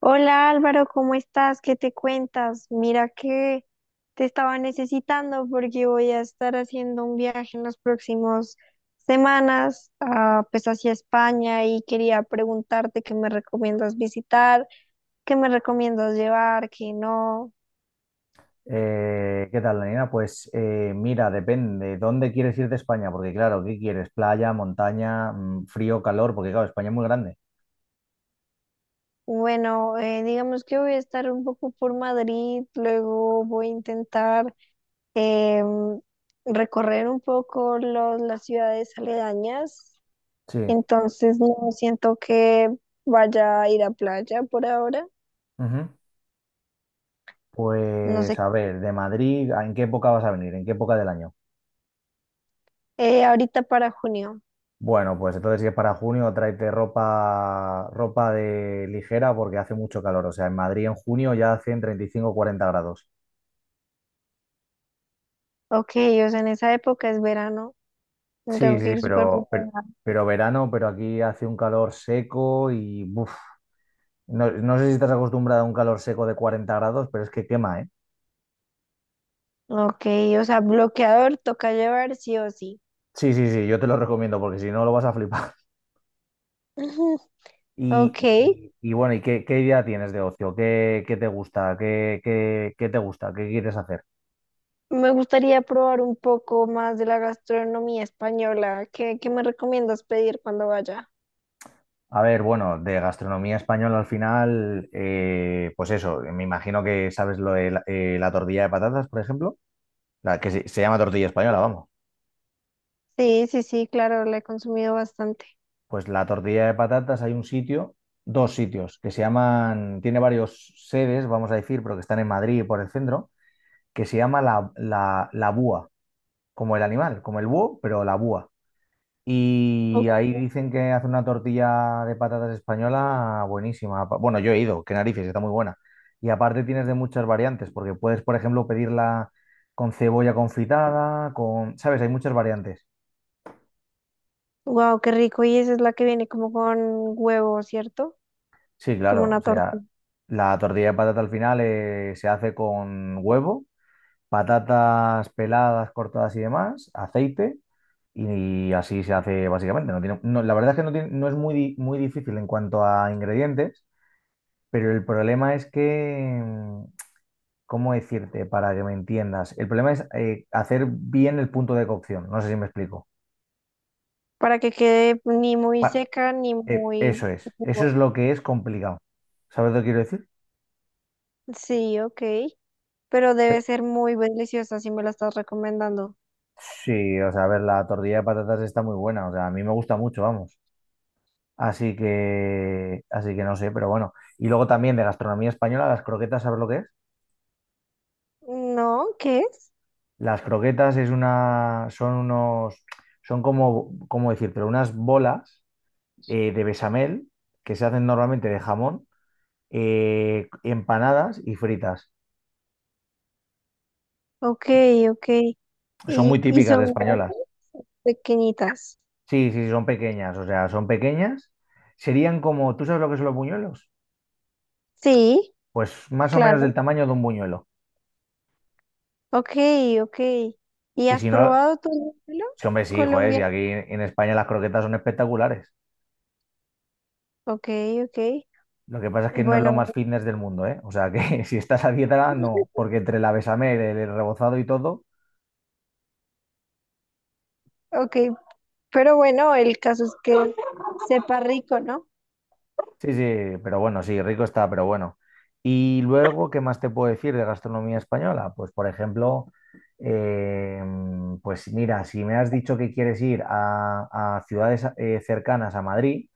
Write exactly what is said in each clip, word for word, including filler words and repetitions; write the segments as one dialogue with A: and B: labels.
A: Hola Álvaro, ¿cómo estás? ¿Qué te cuentas? Mira que te estaba necesitando porque voy a estar haciendo un viaje en las próximas semanas, ah, pues hacia España y quería preguntarte qué me recomiendas visitar, qué me recomiendas llevar, qué no.
B: Eh, ¿qué tal, Daniela? Pues eh, mira, depende. ¿Dónde quieres ir de España? Porque claro, ¿qué quieres? ¿Playa, montaña, mm, frío, calor? Porque claro, España es muy grande.
A: Bueno, eh, digamos que voy a estar un poco por Madrid, luego voy a intentar em, recorrer un poco los- las ciudades aledañas.
B: Sí.
A: Entonces no siento que vaya a ir a playa por ahora.
B: Ujú.
A: No
B: Pues
A: sé.
B: a ver, de Madrid, ¿en qué época vas a venir? ¿En qué época del año?
A: Eh, ahorita para junio.
B: Bueno, pues entonces si es para junio, tráete ropa, ropa de ligera porque hace mucho calor. O sea, en Madrid en junio ya hacen treinta y cinco o cuarenta grados.
A: Ok, o sea, en esa época es verano.
B: Sí,
A: Tengo que
B: sí, sí,
A: ir súper
B: pero, pero,
A: preparada.
B: pero verano, pero aquí hace un calor seco y buf. No, no sé si estás acostumbrado a un calor seco de cuarenta grados, pero es que quema, ¿eh?
A: Ok, o sea, bloqueador toca llevar sí o sí.
B: Sí, sí, sí, yo te lo recomiendo porque si no lo vas a flipar.
A: Ujú. Ok,
B: Y, y- y bueno, ¿y qué, qué idea tienes de ocio? ¿Qué, qué te gusta? ¿Qué, qué- qué te gusta? ¿Qué quieres hacer?
A: me gustaría probar un poco más de la gastronomía española. ¿Qué, qué me recomiendas pedir cuando vaya?
B: A ver, bueno, de gastronomía española al final, eh, pues eso, me imagino que sabes lo de la, eh, la tortilla de patatas, por ejemplo, la que se, se llama tortilla española, vamos.
A: Sí, sí, sí, claro, la he consumido bastante.
B: Pues la tortilla de patatas hay un sitio, dos sitios, que se llaman, tiene varios sedes, vamos a decir, pero que están en Madrid y por el centro, que se llama la, la, la búa, como el animal, como el búho, pero la búa. Y ahí dicen que hace una tortilla de patatas española buenísima. Pa- Bueno, yo he ido, qué narices, está muy buena. Y aparte tienes de muchas variantes, porque puedes, por ejemplo, pedirla con cebolla confitada, con, ¿sabes? Hay muchas variantes.
A: Wow, qué rico. ¿Y esa es la que viene como con huevo, cierto?
B: Sí,
A: Como
B: claro.
A: una
B: O
A: torta.
B: sea, la tortilla de patata al final eh, se hace con huevo, patatas peladas, cortadas y demás, aceite, y así se hace básicamente. No tiene, no, la verdad es que no, tiene- no es muy, di- muy difícil en cuanto a ingredientes, pero el problema es que, mm, ¿cómo decirte para que me entiendas? El problema es eh, hacer bien el punto de cocción. No sé si me explico.
A: Para que quede ni muy
B: Pa-
A: seca ni
B: eh,
A: muy
B: Eso es. Eso es
A: jugosa.
B: lo que es complicado. ¿Sabes lo que quiero decir?
A: Sí, ok. Pero debe ser muy deliciosa si me la estás recomendando.
B: Sí, o sea, a ver, la tortilla de patatas está muy buena, o sea, a mí me gusta mucho, vamos. Así que, así que no sé, pero bueno. Y luego también de gastronomía española, las croquetas, ¿sabes lo que es?
A: No, ¿qué es?
B: Las croquetas es una, son unos, son como, ¿cómo decir? Pero unas bolas eh, de bechamel que se hacen normalmente de jamón, eh, empanadas y fritas.
A: Ok, ok.
B: Son muy
A: ¿Y, y
B: típicas de
A: son grandes?
B: españolas.
A: Pequeñitas.
B: Sí, sí, sí, son pequeñas, o sea, son pequeñas. Serían como, ¿tú sabes lo que son los buñuelos?
A: Sí,
B: Pues más o menos
A: claro.
B: del tamaño de un buñuelo.
A: Ok, ok. ¿Y
B: Y
A: has
B: si no,
A: probado tu lúpulo
B: sí, hombre, sí, joder, si
A: colombiano?
B: aquí en España las croquetas son espectaculares.
A: Ok, ok.
B: Lo que pasa es que no es lo
A: Bueno,
B: más fitness del mundo, ¿eh? O sea, que si estás a dieta, no, porque entre la bechamel, el rebozado y todo,
A: ok. Pero bueno, el caso es que sepa rico, ¿no?
B: sí, sí, pero bueno, sí, rico está, pero bueno. Y luego, ¿qué más te puedo decir de gastronomía española? Pues, por ejemplo, eh, pues mira, si me has dicho que quieres ir a, a ciudades eh, cercanas a Madrid.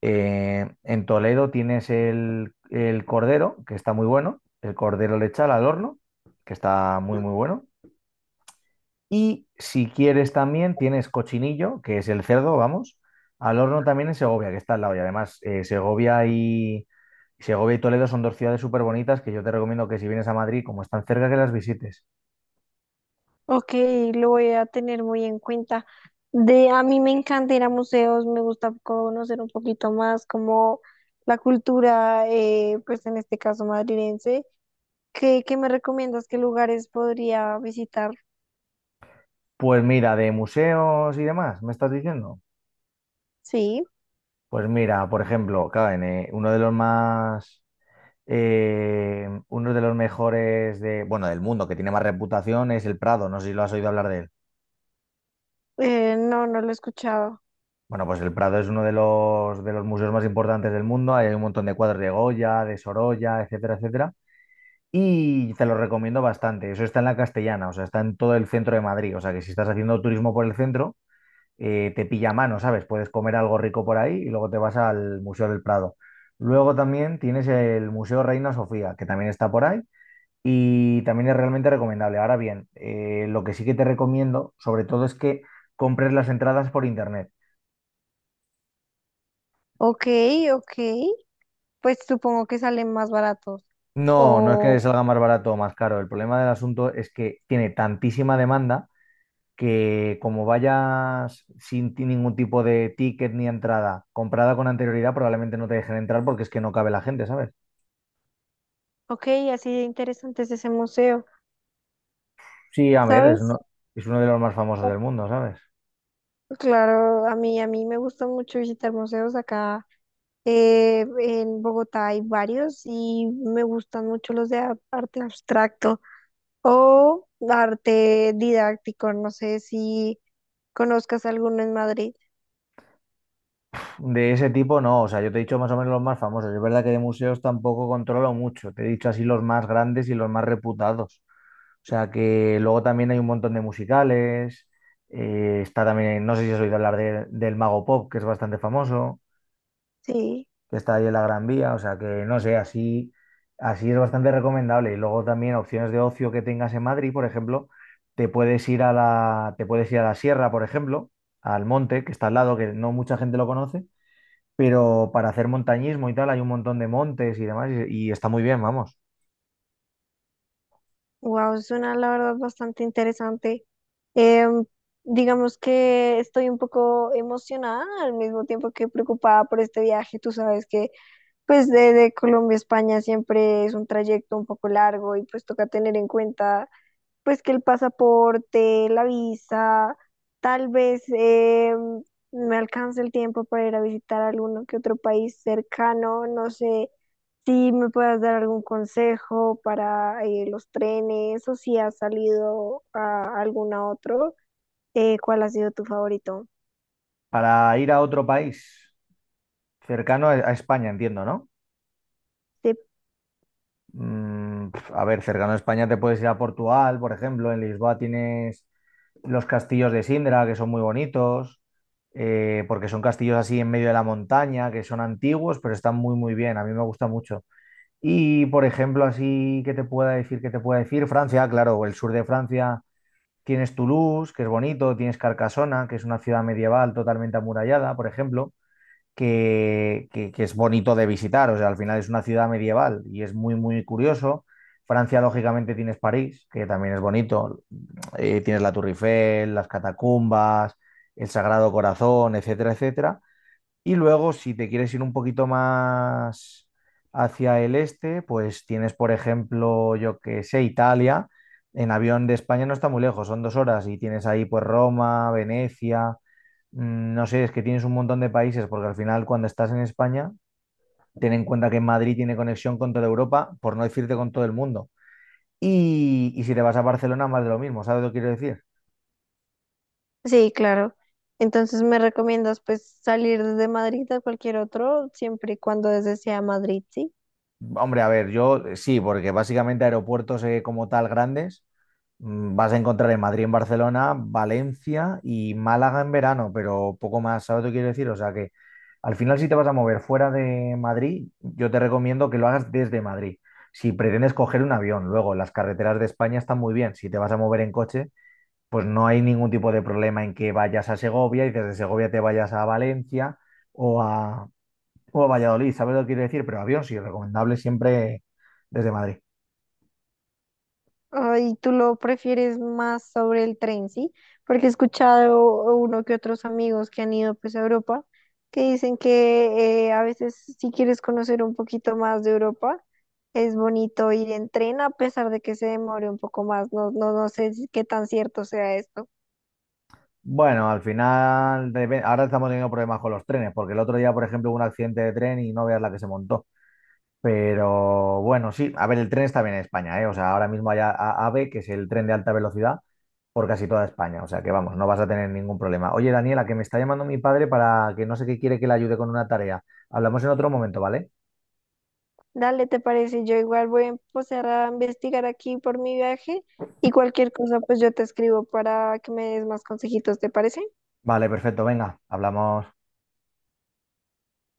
B: Eh, en Toledo tienes el, el cordero, que está muy bueno, el cordero lechal al horno, que está muy, muy bueno. Y si quieres también tienes cochinillo, que es el cerdo, vamos, al horno también en Segovia, que está al lado. Y además, eh, Segovia y, Segovia y Toledo son dos ciudades súper bonitas que yo te recomiendo que si vienes a Madrid, como están cerca, que las visites.
A: Ok, lo voy a tener muy en cuenta. De, a mí me encanta ir a museos, me gusta conocer un poquito más como la cultura, eh, pues en este caso madrilense. ¿Qué, qué me recomiendas? ¿Qué lugares podría visitar?
B: Pues mira, de museos y demás, ¿me estás diciendo?
A: Sí,
B: Pues mira, por ejemplo, claro, en, eh, uno de los más Eh, uno de los mejores de, bueno, del mundo que tiene más reputación es el Prado. No sé si lo has oído hablar de él.
A: eh, no, no lo he escuchado.
B: Bueno, pues el Prado es uno de los, de los museos más importantes del mundo. Ahí hay un montón de cuadros de Goya, de Sorolla, etcétera, etcétera. Y te lo recomiendo bastante. Eso está en la Castellana, o sea, está en todo el centro de Madrid. O sea, que si estás haciendo turismo por el centro, eh, te pilla a mano, ¿sabes? Puedes comer algo rico por ahí y luego te vas al Museo del Prado. Luego también tienes el Museo Reina Sofía, que también está por ahí y también es realmente recomendable. Ahora bien, eh, lo que sí que te recomiendo, sobre todo, es que compres las entradas por internet.
A: Ok, ok, pues supongo que salen más baratos.
B: No, no es que
A: O,
B: salga más barato o más caro. El problema del asunto es que tiene tantísima demanda que como vayas sin ti- ningún tipo de ticket ni entrada comprada con anterioridad, probablemente no te dejen entrar porque es que no cabe la gente, ¿sabes?
A: ok, así de interesante es ese museo,
B: Sí, a ver, es
A: ¿sabes?
B: uno, es uno de los más famosos del mundo, ¿sabes?
A: Claro, a mí, a mí me gusta mucho visitar museos acá. Eh, en Bogotá hay varios y me gustan mucho los de a- arte abstracto o arte didáctico. No sé si conozcas alguno en Madrid.
B: De ese tipo no, o sea, yo te he dicho más o menos los más famosos. Es verdad que de museos tampoco controlo mucho, te he dicho así los más grandes y los más reputados. O sea, que luego también hay un montón de musicales, eh, está también, no sé si has oído hablar de- del Mago Pop, que es bastante famoso,
A: Sí,
B: que está ahí en la Gran Vía, o sea, que no sé, así, así es bastante recomendable. Y luego también opciones de ocio que tengas en Madrid, por ejemplo, te puedes ir a la, te puedes ir a la sierra, por ejemplo, al monte, que está al lado, que no mucha gente lo conoce pero para hacer montañismo y tal hay un montón de montes y demás y, y está muy bien, vamos.
A: wow, suena la verdad bastante interesante. Em, digamos que estoy un poco emocionada al mismo tiempo que preocupada por este viaje. Tú sabes que pues de, de Colombia a España siempre es un trayecto un poco largo y pues toca tener en cuenta pues que el pasaporte, la visa, tal vez eh, me alcance el tiempo para ir a visitar alguno que otro país cercano, no sé si me puedas dar algún consejo para eh, los trenes o si has salido a algún otro, eh, ¿cuál ha sido tu favorito?
B: Para ir a otro país cercano a, a España, entiendo, ¿no?
A: Sí,
B: Mm, pf, a ver, cercano a España te puedes ir a Portugal, por ejemplo, en Lisboa tienes los castillos de Sindra, que son muy bonitos, eh, porque son castillos así en medio de la montaña, que son antiguos, pero están muy, muy bien, a mí me gusta mucho. Y, por ejemplo, así que te pueda decir, que te pueda decir, Francia, claro, el sur de Francia. Tienes Toulouse, que es bonito, tienes Carcasona, que es una ciudad medieval totalmente amurallada, por ejemplo, que, que- que es bonito de visitar, o sea, al final es una ciudad medieval y es muy, muy curioso. Francia, lógicamente, tienes París, que también es bonito, eh, tienes la Tour Eiffel, las catacumbas, el Sagrado Corazón, etcétera, etcétera. Y luego, si te quieres ir un poquito más hacia el este, pues tienes, por ejemplo, yo que sé, Italia. En avión de España no está muy lejos, son dos horas y tienes ahí pues Roma, Venecia, mm, no sé, es que tienes un montón de países porque al final cuando estás en España, ten en cuenta que Madrid tiene conexión con toda Europa, por no decirte con todo el mundo. Y, y si te vas a Barcelona, más de lo mismo, ¿sabes lo que quiero decir?
A: sí, claro. Entonces me recomiendas pues salir desde Madrid a cualquier otro, siempre y cuando desde sea Madrid, ¿sí?
B: Hombre, a ver, yo eh, sí, porque básicamente aeropuertos eh, como tal grandes mm, vas a encontrar en Madrid, en Barcelona, Valencia y Málaga en verano, pero poco más, ¿sabes lo que quiero decir? O sea que al final si te vas a mover fuera de Madrid, yo te recomiendo que lo hagas desde Madrid. Si pretendes coger un avión, luego las carreteras de España están muy bien. Si te vas a mover en coche, pues no hay ningún tipo de problema en que vayas a Segovia y desde Segovia te vayas a Valencia o a, o Valladolid, ¿sabes lo que quiero decir? Pero avión sí, recomendable siempre desde Madrid.
A: Ay, tú lo prefieres más sobre el tren, ¿sí? Porque he escuchado uno que otros amigos que han ido pues a Europa que dicen que eh, a veces si quieres conocer un poquito más de Europa, es bonito ir en tren a pesar de que se demore un poco más. No, no, no sé si- qué tan cierto sea esto.
B: Bueno, al final, debe- ahora estamos teniendo problemas con los trenes, porque el otro día, por ejemplo, hubo un accidente de tren y no veas la que se montó. Pero bueno, sí, a ver, el tren está bien en España, ¿eh? O sea, ahora mismo hay a- a- AVE, que es el tren de alta velocidad, por casi toda España. O sea, que vamos, no vas a tener ningún problema. Oye, Daniela, que me está llamando mi padre para que no sé qué quiere que le ayude con una tarea. Hablamos en otro momento, ¿vale?
A: Dale, ¿te parece? Yo igual voy a empezar a investigar aquí por mi viaje y cualquier cosa pues yo te escribo para que me des más consejitos, ¿te parece?
B: Vale, perfecto, venga, hablamos.